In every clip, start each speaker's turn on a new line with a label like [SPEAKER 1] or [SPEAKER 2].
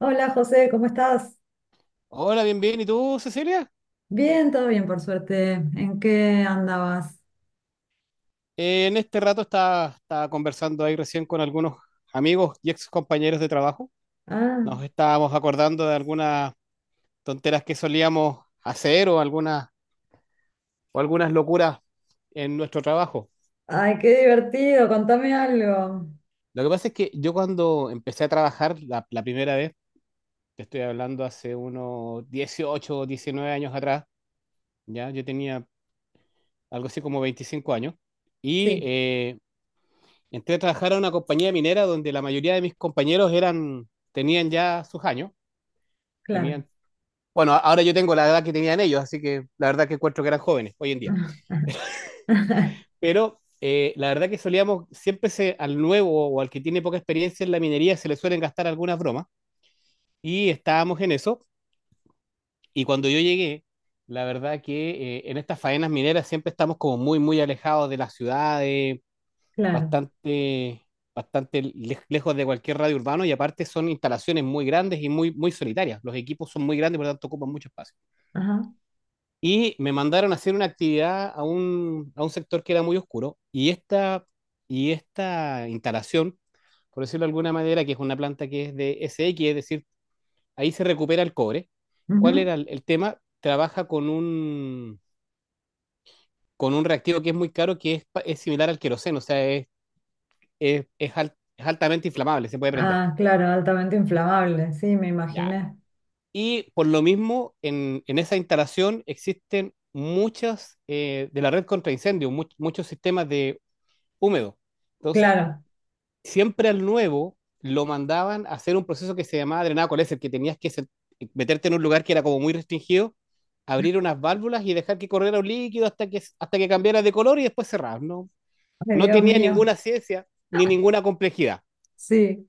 [SPEAKER 1] Hola José, ¿cómo estás?
[SPEAKER 2] Hola, bien, bien. ¿Y tú, Cecilia?
[SPEAKER 1] Bien, todo bien por suerte. ¿En qué andabas?
[SPEAKER 2] En este rato estaba conversando ahí recién con algunos amigos y ex compañeros de trabajo.
[SPEAKER 1] Ah,
[SPEAKER 2] Nos estábamos acordando de algunas tonteras que solíamos hacer o algunas locuras en nuestro trabajo.
[SPEAKER 1] ay, qué divertido, contame algo.
[SPEAKER 2] Lo que pasa es que yo cuando empecé a trabajar la primera vez, te estoy hablando hace unos 18 o 19 años atrás, ya yo tenía algo así como 25 años, y
[SPEAKER 1] Sí,
[SPEAKER 2] entré a trabajar a una compañía minera donde la mayoría de mis compañeros eran, tenían ya sus años,
[SPEAKER 1] claro.
[SPEAKER 2] tenían, bueno, ahora yo tengo la edad que tenían ellos, así que la verdad que encuentro que eran jóvenes hoy en día. Pero la verdad que solíamos, siempre se, al nuevo o al que tiene poca experiencia en la minería se le suelen gastar algunas bromas y estábamos en eso. Y cuando yo llegué, la verdad que en estas faenas mineras siempre estamos como muy alejados de las ciudades,
[SPEAKER 1] Claro.
[SPEAKER 2] bastante, bastante lejos de cualquier radio urbano y aparte son instalaciones muy grandes y muy solitarias. Los equipos son muy grandes, por lo tanto ocupan mucho espacio.
[SPEAKER 1] Ajá.
[SPEAKER 2] Y me mandaron a hacer una actividad a a un sector que era muy oscuro y esta instalación, por decirlo de alguna manera, que es una planta que es de S SX, es decir, ahí se recupera el cobre. ¿Cuál
[SPEAKER 1] Ujú.
[SPEAKER 2] era el tema? Trabaja con con un reactivo que es muy caro, que es, es similar al queroseno, o sea, es es altamente inflamable, se puede prender.
[SPEAKER 1] Ah, claro, altamente inflamable, sí, me
[SPEAKER 2] Ya.
[SPEAKER 1] imaginé.
[SPEAKER 2] Y por lo mismo, en esa instalación existen muchas de la red contra incendios, muchos sistemas de húmedo. Entonces,
[SPEAKER 1] Claro.
[SPEAKER 2] siempre al nuevo lo mandaban a hacer un proceso que se llamaba drenado coléser, que tenías que meterte en un lugar que era como muy restringido, abrir unas válvulas y dejar que corriera un líquido hasta que cambiara de color y después cerrar. No,
[SPEAKER 1] Ay,
[SPEAKER 2] no
[SPEAKER 1] Dios
[SPEAKER 2] tenía
[SPEAKER 1] mío.
[SPEAKER 2] ninguna ciencia ni ninguna complejidad.
[SPEAKER 1] Sí,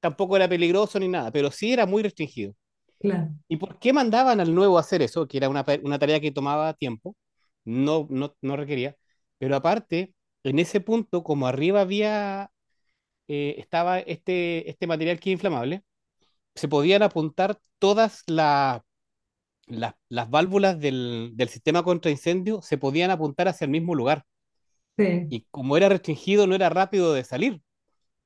[SPEAKER 2] Tampoco era peligroso ni nada, pero sí era muy restringido.
[SPEAKER 1] claro,
[SPEAKER 2] ¿Y por qué mandaban al nuevo a hacer eso? Que era una, una tarea que tomaba tiempo, no requería. Pero aparte, en ese punto, como arriba había, estaba este material que es inflamable, se podían apuntar las válvulas del sistema contra incendio, se podían apuntar hacia el mismo lugar.
[SPEAKER 1] sí.
[SPEAKER 2] Y como era restringido, no era rápido de salir.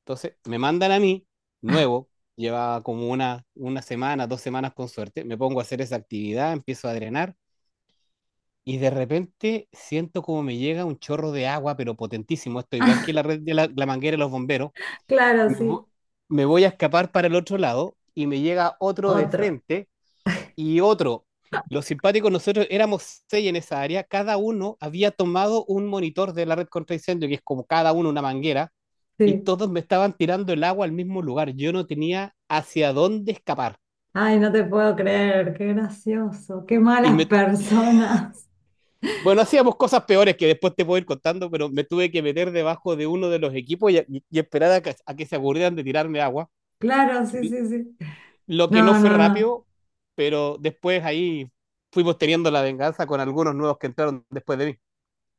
[SPEAKER 2] Entonces, me mandan a mí, nuevo, lleva como una semana, dos semanas con suerte, me pongo a hacer esa actividad, empiezo a drenar. Y de repente siento como me llega un chorro de agua, pero potentísimo. Esto igual que la red de la manguera de los bomberos.
[SPEAKER 1] Claro,
[SPEAKER 2] Me,
[SPEAKER 1] sí.
[SPEAKER 2] vo- Me voy a escapar para el otro lado y me llega otro de
[SPEAKER 1] Otro.
[SPEAKER 2] frente y otro. Los simpáticos, nosotros éramos seis en esa área. Cada uno había tomado un monitor de la red contra incendio, que es como cada uno una manguera, y
[SPEAKER 1] Sí.
[SPEAKER 2] todos me estaban tirando el agua al mismo lugar. Yo no tenía hacia dónde escapar.
[SPEAKER 1] Ay, no te puedo creer, qué gracioso, qué
[SPEAKER 2] Y
[SPEAKER 1] malas
[SPEAKER 2] me
[SPEAKER 1] personas.
[SPEAKER 2] Bueno, hacíamos cosas peores que después te puedo ir contando, pero me tuve que meter debajo de uno de los equipos y esperar a a que se aburrieran de tirarme agua.
[SPEAKER 1] Claro, sí, sí, sí.
[SPEAKER 2] Lo que no
[SPEAKER 1] No,
[SPEAKER 2] fue
[SPEAKER 1] no, no.
[SPEAKER 2] rápido, pero después ahí fuimos teniendo la venganza con algunos nuevos que entraron después de mí.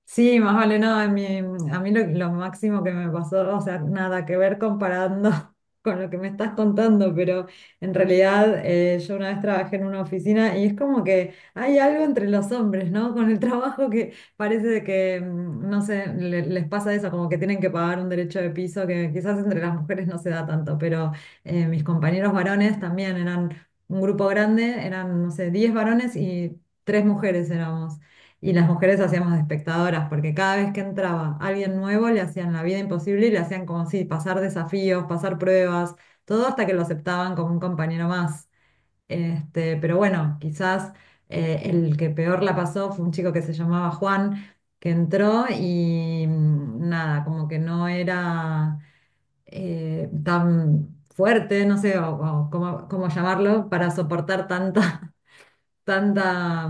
[SPEAKER 1] Sí, más vale, no, a mí, lo máximo que me pasó, o sea, nada que ver comparando con lo que me estás contando, pero en realidad yo una vez trabajé en una oficina y es como que hay algo entre los hombres, ¿no? Con el trabajo que parece de que, no sé, les pasa eso, como que tienen que pagar un derecho de piso que quizás entre las mujeres no se da tanto, pero mis compañeros varones también eran un grupo grande, eran, no sé, 10 varones y tres mujeres éramos. Y las mujeres hacíamos de espectadoras, porque cada vez que entraba alguien nuevo le hacían la vida imposible y le hacían como si pasar desafíos, pasar pruebas, todo hasta que lo aceptaban como un compañero más. Este, pero bueno, quizás el que peor la pasó fue un chico que se llamaba Juan, que entró y nada, como que no era tan fuerte, no sé o cómo llamarlo, para soportar tanta,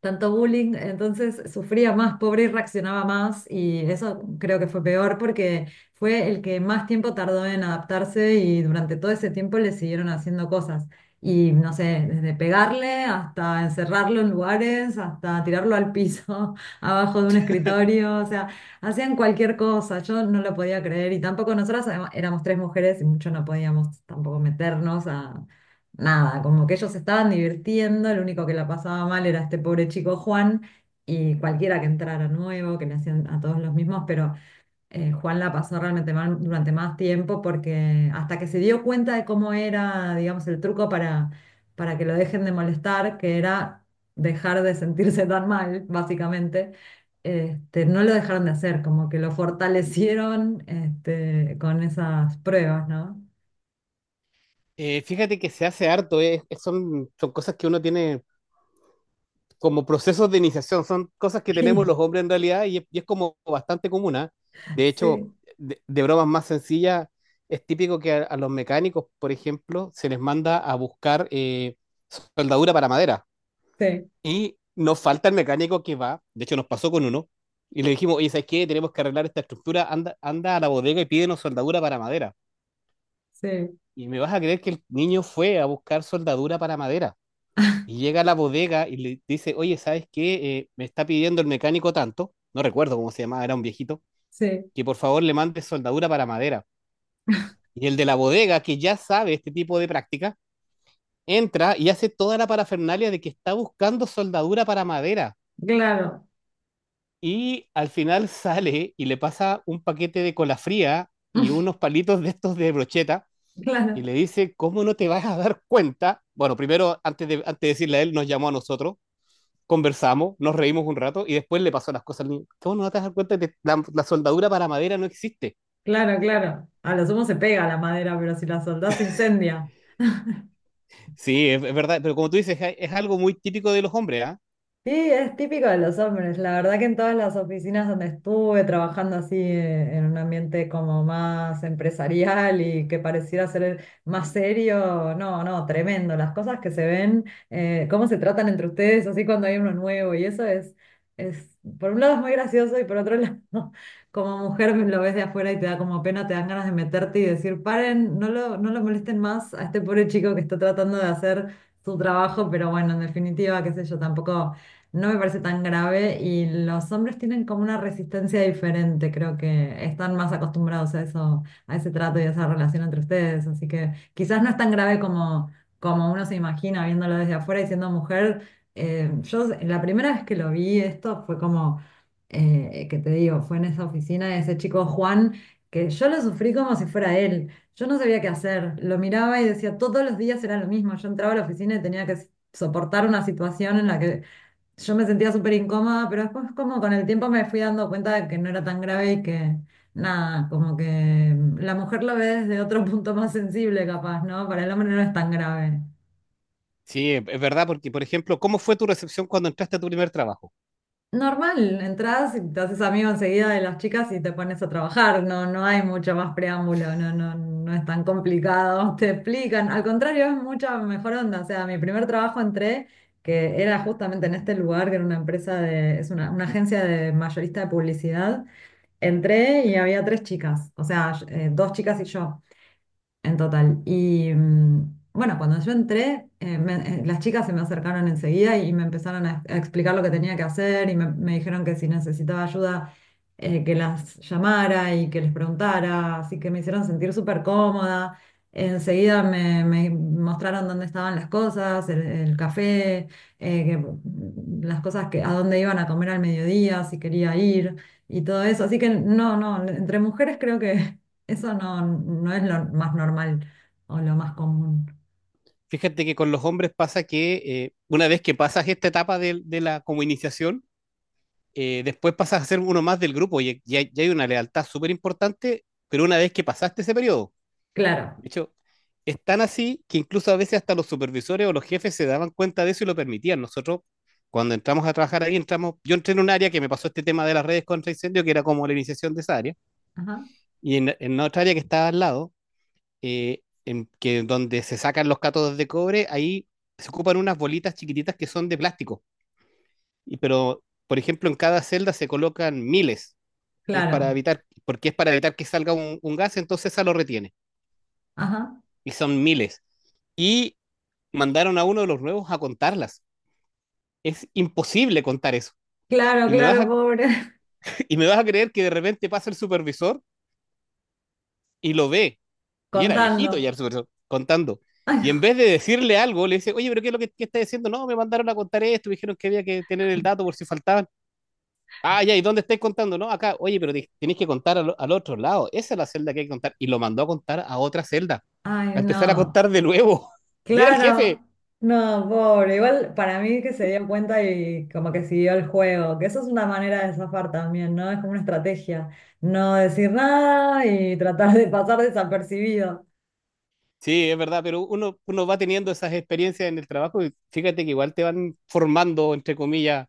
[SPEAKER 1] tanto bullying, entonces sufría más, pobre, y reaccionaba más y eso creo que fue peor porque fue el que más tiempo tardó en adaptarse y durante todo ese tiempo le siguieron haciendo cosas. Y no sé, desde pegarle hasta encerrarlo en lugares, hasta tirarlo al piso, abajo de un escritorio, o sea, hacían cualquier cosa, yo no lo podía creer y tampoco nosotras además, éramos tres mujeres y mucho no podíamos tampoco meternos a nada, como que ellos se estaban divirtiendo, el único que la pasaba mal era este pobre chico Juan y cualquiera que entrara nuevo, que le hacían a todos los mismos, pero Juan la pasó realmente mal durante más tiempo porque hasta que se dio cuenta de cómo era, digamos, el truco para, que lo dejen de molestar, que era dejar de sentirse tan mal, básicamente. Este, no lo dejaron de hacer, como que lo fortalecieron este, con esas pruebas, ¿no?
[SPEAKER 2] Fíjate que se hace harto, son cosas que uno tiene como procesos de iniciación. Son cosas que tenemos los hombres en realidad y es como bastante común, ¿ah? De hecho,
[SPEAKER 1] Sí,
[SPEAKER 2] bromas más sencillas, es típico que a los mecánicos, por ejemplo, se les manda a buscar soldadura para madera.
[SPEAKER 1] sí,
[SPEAKER 2] Y nos falta el mecánico que va, de hecho nos pasó con uno, y le dijimos, oye, ¿sabes qué? Tenemos que arreglar esta estructura, anda a la bodega y pídenos soldadura para madera.
[SPEAKER 1] sí.
[SPEAKER 2] Y me vas a creer que el niño fue a buscar soldadura para madera. Y llega a la bodega y le dice, oye, ¿sabes qué? Me está pidiendo el mecánico tanto, no recuerdo cómo se llamaba, era un viejito,
[SPEAKER 1] Sí,
[SPEAKER 2] que por favor le mande soldadura para madera. Y el de la bodega, que ya sabe este tipo de práctica, entra y hace toda la parafernalia de que está buscando soldadura para madera.
[SPEAKER 1] claro,
[SPEAKER 2] Y al final sale y le pasa un paquete de cola fría y unos palitos de estos de brocheta y
[SPEAKER 1] claro,
[SPEAKER 2] le dice, ¿cómo no te vas a dar cuenta? Bueno, primero, antes de decirle a él, nos llamó a nosotros, conversamos, nos reímos un rato y después le pasó las cosas al niño. ¿Cómo no te das cuenta que la soldadura para madera no existe?
[SPEAKER 1] claro, claro. A lo sumo se pega la madera, pero si la soldás se incendia.
[SPEAKER 2] Sí, es verdad, pero como tú dices, es algo muy típico de los hombres, ¿ah?
[SPEAKER 1] Sí, es típico de los hombres. La verdad que en todas las oficinas donde estuve trabajando así en un ambiente como más empresarial y que pareciera ser más serio, no, no, tremendo. Las cosas que se ven, cómo se tratan entre ustedes, así cuando hay uno nuevo y eso es, es, por un lado es muy gracioso y por otro lado, como mujer pues, lo ves de afuera y te da como pena, te dan ganas de meterte y decir, paren, no lo, molesten más a este pobre chico que está tratando de hacer su trabajo, pero bueno, en definitiva, qué sé yo, tampoco no me parece tan grave y los hombres tienen como una resistencia diferente, creo que están más acostumbrados a eso, a ese trato y a esa relación entre ustedes, así que quizás no es tan grave como, uno se imagina viéndolo desde afuera y siendo mujer. Yo la primera vez que lo vi esto fue como, que te digo, fue en esa oficina de ese chico Juan, que yo lo sufrí como si fuera él. Yo no sabía qué hacer, lo miraba y decía, todos los días era lo mismo. Yo entraba a la oficina y tenía que soportar una situación en la que yo me sentía súper incómoda, pero después como con el tiempo me fui dando cuenta de que no era tan grave y que nada, como que la mujer lo ve desde otro punto más sensible capaz, ¿no? Para el hombre no es tan grave.
[SPEAKER 2] Sí, es verdad, porque por ejemplo, ¿cómo fue tu recepción cuando entraste a tu primer trabajo?
[SPEAKER 1] Normal, entras y te haces amigo enseguida de las chicas y te pones a trabajar, no, no hay mucho más preámbulo, no, no, no es tan complicado, te explican, al contrario es mucha mejor onda, o sea, mi primer trabajo entré que era justamente en este lugar, que era una empresa de, es una, agencia de mayorista de publicidad. Entré y había tres chicas, o sea, dos chicas y yo. En total. Y bueno, cuando yo entré, las chicas se me acercaron enseguida y me empezaron a, explicar lo que tenía que hacer y me, dijeron que si necesitaba ayuda, que las llamara y que les preguntara. Así que me hicieron sentir súper cómoda. Enseguida me, mostraron dónde estaban las cosas, el, café, las cosas que a dónde iban a comer al mediodía, si quería ir y todo eso. Así que no, no, entre mujeres creo que... Eso no, no es lo más normal o lo más común.
[SPEAKER 2] Fíjate que con los hombres pasa que una vez que pasas esta etapa de la como iniciación, después pasas a ser uno más del grupo y hay una lealtad súper importante, pero una vez que pasaste ese periodo.
[SPEAKER 1] Claro,
[SPEAKER 2] De hecho, es tan así que incluso a veces hasta los supervisores o los jefes se daban cuenta de eso y lo permitían. Nosotros, cuando entramos a trabajar ahí, entramos, yo entré en un área que me pasó este tema de las redes contra incendio, que era como la iniciación de esa área,
[SPEAKER 1] ajá,
[SPEAKER 2] y en otra área que estaba al lado, en que donde se sacan los cátodos de cobre, ahí se ocupan unas bolitas chiquititas que son de plástico. Y, pero, por ejemplo, en cada celda se colocan miles, que es para
[SPEAKER 1] claro,
[SPEAKER 2] evitar, porque es para evitar que salga un gas, entonces esa lo retiene.
[SPEAKER 1] ajá,
[SPEAKER 2] Y son miles. Y mandaron a uno de los nuevos a contarlas. Es imposible contar eso.
[SPEAKER 1] claro,
[SPEAKER 2] Y me vas
[SPEAKER 1] claro,
[SPEAKER 2] a,
[SPEAKER 1] pobre.
[SPEAKER 2] y me vas a creer que de repente pasa el supervisor y lo ve. Y era
[SPEAKER 1] Contando.
[SPEAKER 2] viejito ya el supervisor contando.
[SPEAKER 1] Ay,
[SPEAKER 2] Y en
[SPEAKER 1] no,
[SPEAKER 2] vez de decirle algo, le dice, oye, pero ¿qué es lo que está diciendo? No, me mandaron a contar esto, me dijeron que había que tener el dato por si faltaban. Ah, ya, ¿y dónde estáis contando? No, acá, oye, pero tenéis que contar al otro lado. Esa es la celda que hay que contar. Y lo mandó a contar a otra celda,
[SPEAKER 1] ay,
[SPEAKER 2] a empezar a
[SPEAKER 1] no,
[SPEAKER 2] contar de nuevo. Y era el jefe.
[SPEAKER 1] claro, no, pobre. Igual para mí que se dio cuenta y como que siguió el juego, que eso es una manera de zafar también, ¿no? Es como una estrategia, no decir nada y tratar de pasar desapercibido.
[SPEAKER 2] Sí, es verdad, pero uno va teniendo esas experiencias en el trabajo y fíjate que igual te van formando, entre comillas,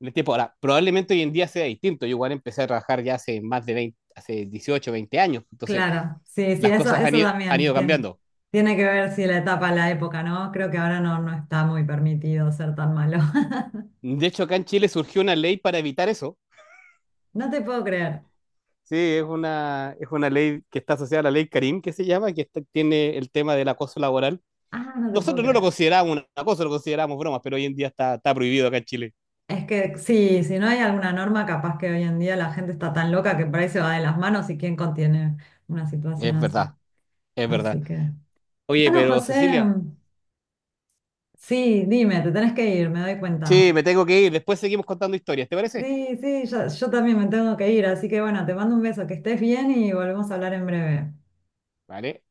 [SPEAKER 2] en el tiempo. Ahora, probablemente hoy en día sea distinto. Yo igual empecé a trabajar ya hace más de 20, hace 18, 20 años. Entonces,
[SPEAKER 1] Claro, sí, sí,
[SPEAKER 2] las
[SPEAKER 1] eso,
[SPEAKER 2] cosas han
[SPEAKER 1] también
[SPEAKER 2] ido cambiando.
[SPEAKER 1] tiene que ver si la etapa, la época, ¿no? Creo que ahora no, no está muy permitido ser tan malo.
[SPEAKER 2] De hecho, acá en Chile surgió una ley para evitar eso.
[SPEAKER 1] No te puedo creer.
[SPEAKER 2] Sí, es es una ley que está asociada a la ley Karim, que se llama, que está- tiene el tema del acoso laboral.
[SPEAKER 1] Ah, no te puedo
[SPEAKER 2] Nosotros no lo
[SPEAKER 1] creer.
[SPEAKER 2] consideramos un acoso, lo consideramos bromas, pero hoy en día está prohibido acá en Chile.
[SPEAKER 1] Es que sí, si no hay alguna norma, capaz que hoy en día la gente está tan loca que por ahí se va de las manos y quién contiene una situación
[SPEAKER 2] Es
[SPEAKER 1] así.
[SPEAKER 2] verdad, es verdad.
[SPEAKER 1] Así que,
[SPEAKER 2] Oye,
[SPEAKER 1] bueno,
[SPEAKER 2] pero
[SPEAKER 1] José,
[SPEAKER 2] Cecilia.
[SPEAKER 1] sí, dime, te tenés que ir, me doy
[SPEAKER 2] Sí,
[SPEAKER 1] cuenta.
[SPEAKER 2] me tengo que ir. Después seguimos contando historias, ¿te parece?
[SPEAKER 1] Sí, sí, yo, también me tengo que ir, así que bueno, te mando un beso, que estés bien y volvemos a hablar en breve.
[SPEAKER 2] Vale.